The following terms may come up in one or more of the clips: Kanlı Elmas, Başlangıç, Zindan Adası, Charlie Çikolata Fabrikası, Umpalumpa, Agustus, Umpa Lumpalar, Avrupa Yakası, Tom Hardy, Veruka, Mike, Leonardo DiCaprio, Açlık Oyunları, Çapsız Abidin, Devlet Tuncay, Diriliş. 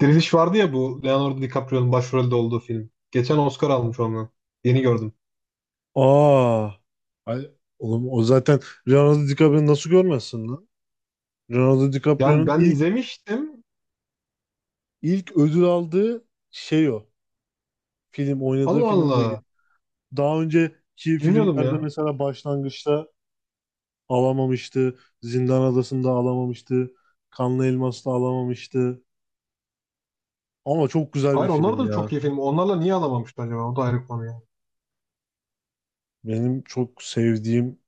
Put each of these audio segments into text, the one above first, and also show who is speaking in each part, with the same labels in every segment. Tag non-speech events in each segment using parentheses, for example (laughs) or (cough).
Speaker 1: Diriliş vardı ya, bu Leonardo DiCaprio'nun başrolde olduğu film. Geçen Oscar almış onu. Yeni gördüm.
Speaker 2: Aa, ay, oğlum o zaten Leonardo DiCaprio'yu nasıl görmezsin lan? Leonardo
Speaker 1: Yani
Speaker 2: DiCaprio'nun
Speaker 1: ben
Speaker 2: ilk
Speaker 1: izlemiştim.
Speaker 2: ilk ödül aldığı şey o. Film oynadığı
Speaker 1: Allah Allah.
Speaker 2: filmdeki. Daha önceki
Speaker 1: Bilmiyordum
Speaker 2: filmlerde
Speaker 1: ya.
Speaker 2: mesela Başlangıç'ta alamamıştı. Zindan Adası'nda alamamıştı. Kanlı Elmas'ta alamamıştı. Ama çok güzel bir
Speaker 1: Hayır, onlar
Speaker 2: film
Speaker 1: da çok
Speaker 2: ya.
Speaker 1: iyi film. Onlarla niye alamamışlar acaba? O da ayrı konu ya.
Speaker 2: Benim çok sevdiğim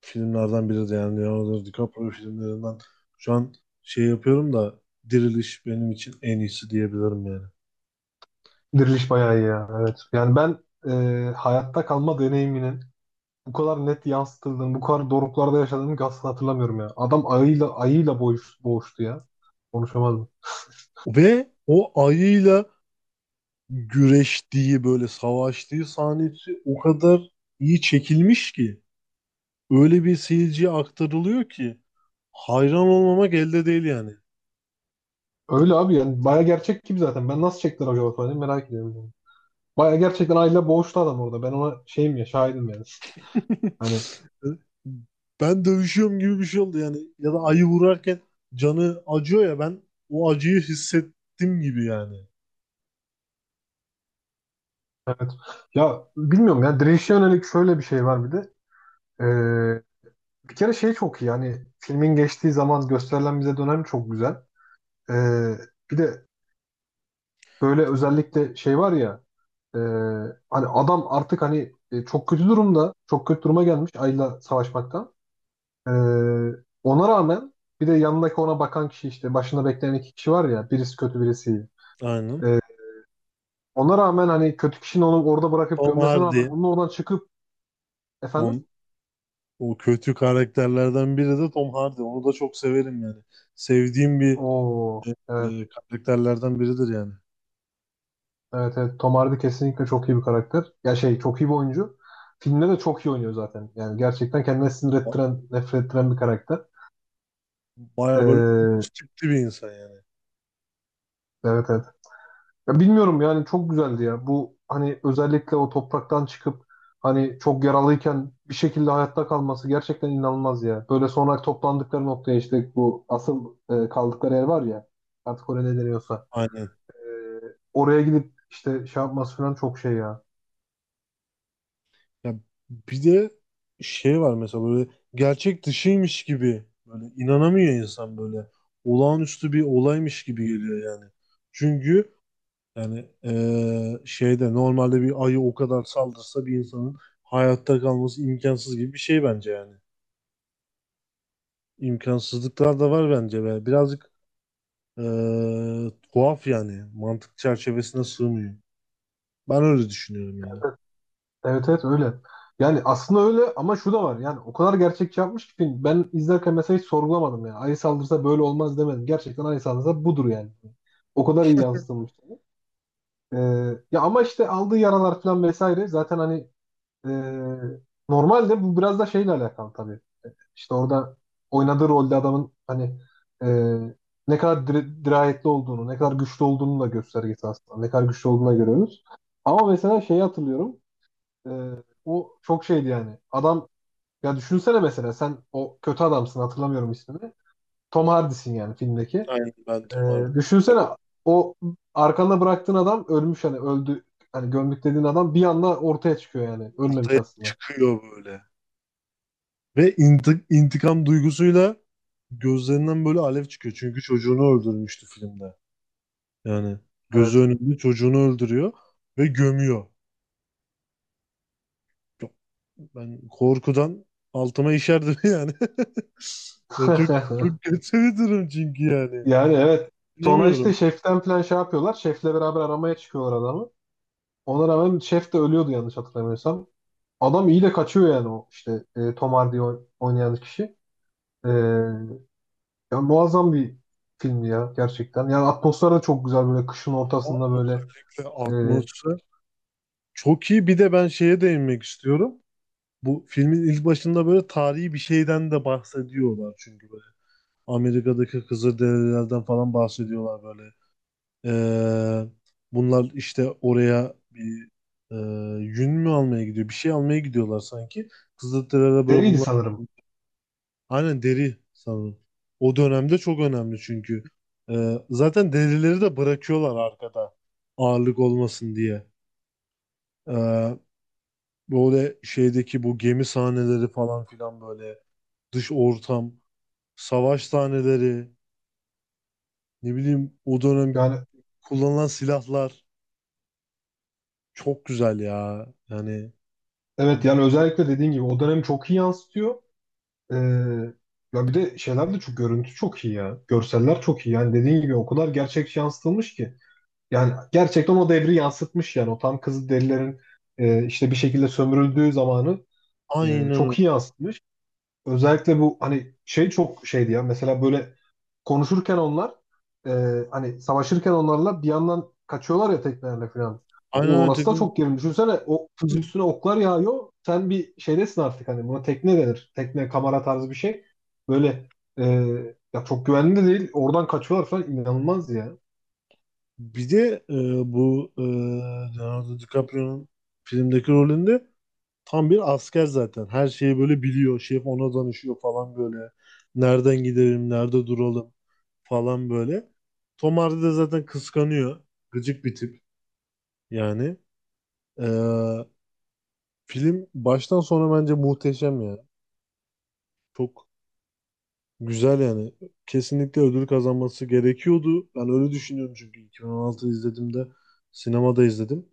Speaker 2: filmlerden biri de yani Leonardo DiCaprio filmlerinden. Şu an şey yapıyorum da Diriliş benim için en iyisi diyebilirim yani.
Speaker 1: Diriliş bayağı iyi ya. Evet. Yani ben hayatta kalma deneyiminin bu kadar net yansıtıldığını, bu kadar doruklarda yaşadığını asla hatırlamıyorum ya. Adam ayıyla boğuştu ya. Konuşamadım.
Speaker 2: Ve o ayıyla güreştiği böyle savaştığı sahnesi o kadar iyi çekilmiş ki öyle bir seyirciye aktarılıyor ki hayran olmamak elde değil yani.
Speaker 1: Öyle abi, yani bayağı gerçek gibi zaten. Ben nasıl çektiler acaba falan diye merak ediyorum. Baya gerçekten aile boğuştu adam orada. Ben ona şeyim ya, şahidim yani. Hani
Speaker 2: (laughs) Ben dövüşüyorum gibi bir şey oldu yani ya da ayı vurarken canı acıyor ya ben o acıyı hissettim gibi yani.
Speaker 1: ya, bilmiyorum ya, direnişe yönelik şöyle bir şey var bir de. Ee, Bir kere şey çok iyi yani, filmin geçtiği zaman gösterilen bize dönem çok güzel. Ee, Bir de böyle özellikle şey var ya, e, hani adam artık hani çok kötü durumda, çok kötü duruma gelmiş Ayla savaşmaktan. Ee, Ona rağmen bir de yanındaki ona bakan kişi, işte başında bekleyen iki kişi var ya, birisi kötü birisi iyi.
Speaker 2: Aynen.
Speaker 1: Ee, Ona rağmen hani kötü kişinin onu orada bırakıp
Speaker 2: Tom
Speaker 1: gömmesine
Speaker 2: Hardy,
Speaker 1: rağmen onun oradan çıkıp efendim.
Speaker 2: on, o kötü karakterlerden biri de Tom Hardy. Onu da çok severim yani. Sevdiğim bir
Speaker 1: Oo, evet,
Speaker 2: karakterlerden biridir yani.
Speaker 1: evet Tom Hardy kesinlikle çok iyi bir karakter. Ya şey, çok iyi bir oyuncu. Filmde de çok iyi oynuyor zaten. Yani gerçekten kendine sinir
Speaker 2: Ba-
Speaker 1: ettiren, nefret ettiren bir karakter.
Speaker 2: Bayağı böyle
Speaker 1: Ee,
Speaker 2: uç tipli bir insan yani.
Speaker 1: evet, evet. Ya bilmiyorum yani, çok güzeldi ya. Bu hani özellikle o topraktan çıkıp, hani çok yaralıyken bir şekilde hayatta kalması gerçekten inanılmaz ya. Böyle sonra toplandıkları noktaya, işte bu asıl kaldıkları yer var ya. Artık oraya ne deniyorsa,
Speaker 2: Aynen.
Speaker 1: oraya gidip işte şey yapması falan çok şey ya.
Speaker 2: Ya bir de şey var mesela böyle gerçek dışıymış gibi böyle inanamıyor insan böyle. Olağanüstü bir olaymış gibi geliyor yani. Çünkü yani şeyde normalde bir ayı o kadar saldırsa bir insanın hayatta kalması imkansız gibi bir şey bence yani. İmkansızlıklar da var bence be. Birazcık e, tuhaf yani. Mantık çerçevesine sığmıyor. Ben öyle düşünüyorum yani.
Speaker 1: Evet, evet öyle. Yani aslında öyle, ama şu da var. Yani o kadar gerçekçi yapmış ki film. Ben izlerken mesela hiç sorgulamadım ya. Ayı saldırsa böyle olmaz demedim. Gerçekten ayı saldırsa budur yani. O kadar iyi yansıtılmış. Ee, ya ama işte aldığı yaralar falan vesaire zaten hani e, normalde bu biraz da şeyle alakalı tabii. İşte orada oynadığı rolde adamın hani e, ne kadar dirayetli olduğunu, ne kadar güçlü olduğunu da göstergesi aslında. Ne kadar güçlü olduğunu da görüyoruz. Ama mesela şeyi hatırlıyorum. E, o çok şeydi yani. Adam, ya düşünsene mesela sen o kötü adamsın, hatırlamıyorum ismini. Tom Hardy'sin yani filmdeki.
Speaker 2: Aynen ben
Speaker 1: E,
Speaker 2: Tom Hardy.
Speaker 1: düşünsene
Speaker 2: Evet.
Speaker 1: o arkanda bıraktığın adam ölmüş, hani öldü. Hani gömdük dediğin adam bir anda ortaya çıkıyor yani. Ölmemiş
Speaker 2: Ortaya
Speaker 1: aslında.
Speaker 2: çıkıyor böyle. Ve intikam duygusuyla gözlerinden böyle alev çıkıyor. Çünkü çocuğunu öldürmüştü filmde. Yani gözü
Speaker 1: Evet.
Speaker 2: önünde çocuğunu öldürüyor ve gömüyor. Çok- Ben korkudan altıma işerdim (laughs) yani. Ya çok
Speaker 1: (laughs)
Speaker 2: çok kötü bir durum çünkü yani.
Speaker 1: Yani evet. Sonra işte
Speaker 2: Bilemiyorum.
Speaker 1: şeften plan şey yapıyorlar. Şefle beraber aramaya çıkıyorlar adamı. Ona rağmen şef de ölüyordu yanlış hatırlamıyorsam. Adam iyi de kaçıyor yani, o işte Tom Hardy oynayan kişi. E, ya muazzam bir filmdi ya gerçekten. Yani atmosfer de çok güzel, böyle kışın ortasında böyle
Speaker 2: Özellikle
Speaker 1: e,
Speaker 2: atmosfer çok iyi. Bir de ben şeye değinmek istiyorum. Bu filmin ilk başında böyle tarihi bir şeyden de bahsediyorlar çünkü böyle. Amerika'daki Kızılderililerden falan bahsediyorlar böyle. Ee, Bunlar işte oraya bir e, yün mü almaya gidiyor? Bir şey almaya gidiyorlar sanki. Kızılderililer böyle
Speaker 1: deriydi
Speaker 2: bunlar
Speaker 1: sanırım.
Speaker 2: aynen deri sanırım. O dönemde çok önemli çünkü. Zaten derileri de bırakıyorlar arkada ağırlık olmasın diye. Ee, Böyle şeydeki bu gemi sahneleri falan filan böyle dış ortam, savaş sahneleri, ne bileyim o dönem
Speaker 1: Yani
Speaker 2: kullanılan silahlar çok güzel ya. Yani
Speaker 1: evet, yani özellikle dediğin gibi o dönemi çok iyi yansıtıyor. E, ya bir de şeyler de çok, görüntü çok iyi ya. Görseller çok iyi. Yani dediğin gibi o kadar gerçekçi yansıtılmış ki. Yani gerçekten o devri yansıtmış yani, o tam Kızılderililerin işte bir şekilde sömürüldüğü zamanı
Speaker 2: aynen öyle.
Speaker 1: çok iyi yansıtmış. Özellikle bu hani şey çok şeydi ya, mesela böyle konuşurken onlar e, hani savaşırken onlarla bir yandan kaçıyorlar ya teknelerle falan.
Speaker 2: Aynen
Speaker 1: O
Speaker 2: öyle.
Speaker 1: orası da çok gerilim. Düşünsene, o
Speaker 2: Kızım.
Speaker 1: üstüne oklar yağıyor. Sen bir şeydesin artık, hani buna tekne denir. Tekne kamera tarzı bir şey. Böyle e, ya çok güvenli de değil. Oradan kaçıyorlar falan, inanılmaz ya.
Speaker 2: Bir de bu Leonardo DiCaprio'nun filmdeki rolünde tam bir asker zaten. Her şeyi böyle biliyor. Şef ona danışıyor falan böyle. Nereden gidelim, nerede duralım falan böyle. Tom Hardy de zaten kıskanıyor. Gıcık bir tip yani. E, Film baştan sona bence muhteşem ya. Çok güzel yani. Kesinlikle ödül kazanması gerekiyordu. Ben öyle düşünüyorum çünkü 2016 izlediğimde sinemada izledim.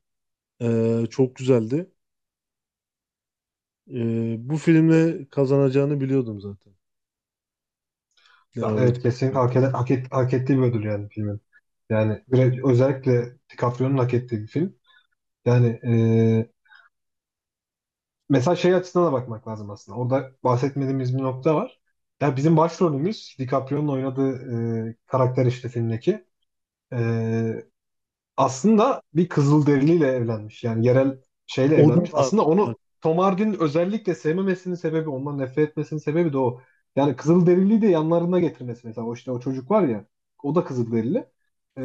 Speaker 2: Çok güzeldi. Bu filmle kazanacağını biliyordum zaten.
Speaker 1: Ya
Speaker 2: Leonardo
Speaker 1: evet, kesinlikle
Speaker 2: DiCaprio.
Speaker 1: hak, eden- hak, et- hak ettiği bir ödül yani filmin. Yani bir- özellikle DiCaprio'nun hak ettiği bir film. Yani e, mesela şey açısından da bakmak lazım aslında. Orada bahsetmediğimiz bir nokta var. Ya bizim başrolümüz DiCaprio'nun oynadığı karakter işte filmdeki. E, aslında bir Kızılderiliyle evlenmiş. Yani yerel şeyle
Speaker 2: O da
Speaker 1: evlenmiş.
Speaker 2: var.
Speaker 1: Aslında
Speaker 2: Bak,
Speaker 1: onu Tom Hardy'nin özellikle sevmemesinin sebebi, ondan nefret etmesinin sebebi de o. Yani Kızılderiliyi de yanlarına getirmesi mesela. O işte o çocuk var ya, o da Kızılderili.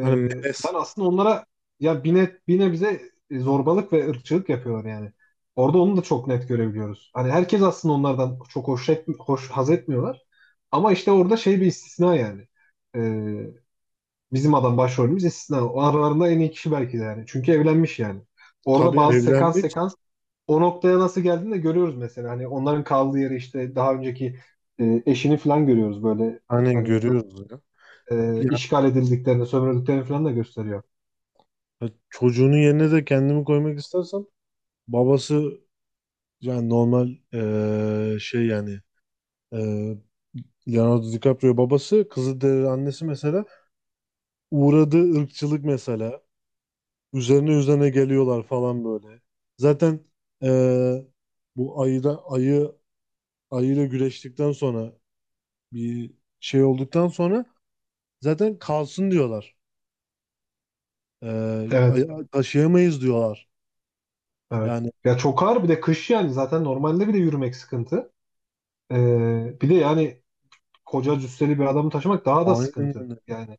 Speaker 2: hani Meles,
Speaker 1: yani aslında onlara ya bine bize zorbalık ve ırkçılık yapıyorlar yani. Orada onu da çok net görebiliyoruz. Hani herkes aslında onlardan çok hoş, et, hoş haz etmiyorlar. Ama işte orada şey, bir istisna yani. Ee, Bizim adam başrolümüz istisna. O aralarında en iyi kişi belki de yani. Çünkü evlenmiş yani. Orada
Speaker 2: tabii
Speaker 1: bazı sekans
Speaker 2: evlenmiş.
Speaker 1: sekans o noktaya nasıl geldiğini de görüyoruz mesela. Hani onların kaldığı yeri, işte daha önceki eşini falan görüyoruz böyle.
Speaker 2: Aynen
Speaker 1: Hani
Speaker 2: görüyoruz ya. Yani
Speaker 1: işgal edildiklerini, sömürüldüklerini falan da gösteriyor.
Speaker 2: çocuğunun yerine de kendimi koymak istersem babası yani normal şey yani. Ee, Leonardo DiCaprio babası, Kızılderili annesi mesela uğradığı ırkçılık mesela üzerine üzerine geliyorlar falan böyle. Zaten eee, bu ayıda ayı ayıyla güreştikten sonra bir şey olduktan sonra zaten kalsın diyorlar.
Speaker 1: Evet,
Speaker 2: Taşıyamayız diyorlar.
Speaker 1: evet.
Speaker 2: Yani
Speaker 1: Ya çok ağır bir de kış yani, zaten normalde bile yürümek sıkıntı. E, bir de yani koca cüsseli bir adamı taşımak daha da
Speaker 2: aynen
Speaker 1: sıkıntı.
Speaker 2: öyle.
Speaker 1: Yani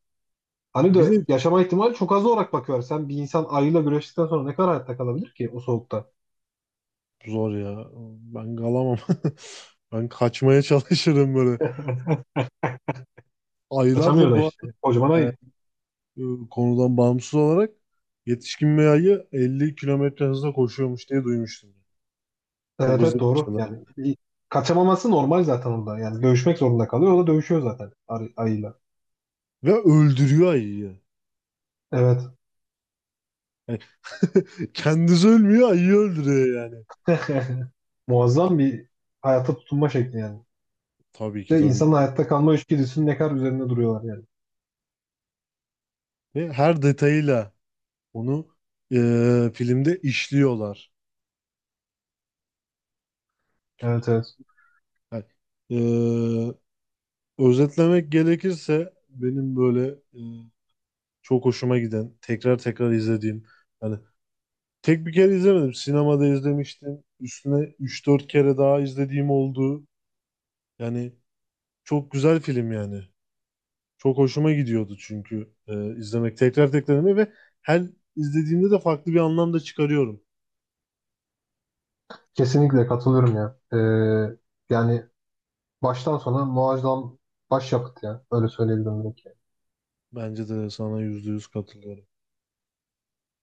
Speaker 1: hani de
Speaker 2: Bir de
Speaker 1: yaşama ihtimali çok az olarak bakıyor. Sen bir insan ayıyla güreştikten sonra ne kadar hayatta kalabilir ki o soğukta?
Speaker 2: zor ya. Ben kalamam. (laughs) Ben kaçmaya çalışırım böyle.
Speaker 1: (laughs)
Speaker 2: Ayılar
Speaker 1: Kaçamıyor
Speaker 2: da
Speaker 1: da
Speaker 2: bu
Speaker 1: işte. Kocaman
Speaker 2: arada
Speaker 1: ayı.
Speaker 2: e, e, konudan bağımsız olarak yetişkin bir ayı 50 kilometre hızla koşuyormuş diye duymuştum. Çok
Speaker 1: Evet, evet,
Speaker 2: hızlı
Speaker 1: doğru.
Speaker 2: koşuyorlar
Speaker 1: Yani
Speaker 2: yani.
Speaker 1: bir- kaçamaması normal zaten orada. Yani dövüşmek zorunda kalıyor. O da dövüşüyor zaten ayıyla.
Speaker 2: Ve öldürüyor ayıyı.
Speaker 1: Evet.
Speaker 2: Yani (laughs) kendisi ölmüyor, ayıyı öldürüyor yani.
Speaker 1: (laughs) Muazzam bir hayata tutunma şekli yani.
Speaker 2: Tabii ki,
Speaker 1: İşte
Speaker 2: tabii
Speaker 1: insanın
Speaker 2: ki.
Speaker 1: hayatta kalma içgüdüsünün ne kadar üzerinde duruyorlar yani.
Speaker 2: Ve her detayıyla onu filmde işliyorlar.
Speaker 1: Evet, evet.
Speaker 2: Yani, e, özetlemek gerekirse benim böyle e, çok hoşuma giden, tekrar tekrar izlediğim yani tek bir kere izlemedim. Sinemada izlemiştim. Üstüne üç dört kere daha izlediğim oldu. Yani çok güzel film yani. Çok hoşuma gidiyordu çünkü izlemek, tekrar tekrar izlemek ve her izlediğimde de farklı bir anlam da çıkarıyorum.
Speaker 1: Kesinlikle katılıyorum ya. Yani baştan sona muazzam başyapıt ya. Öyle söyleyebilirim belki.
Speaker 2: Bence de sana %100 katılıyorum.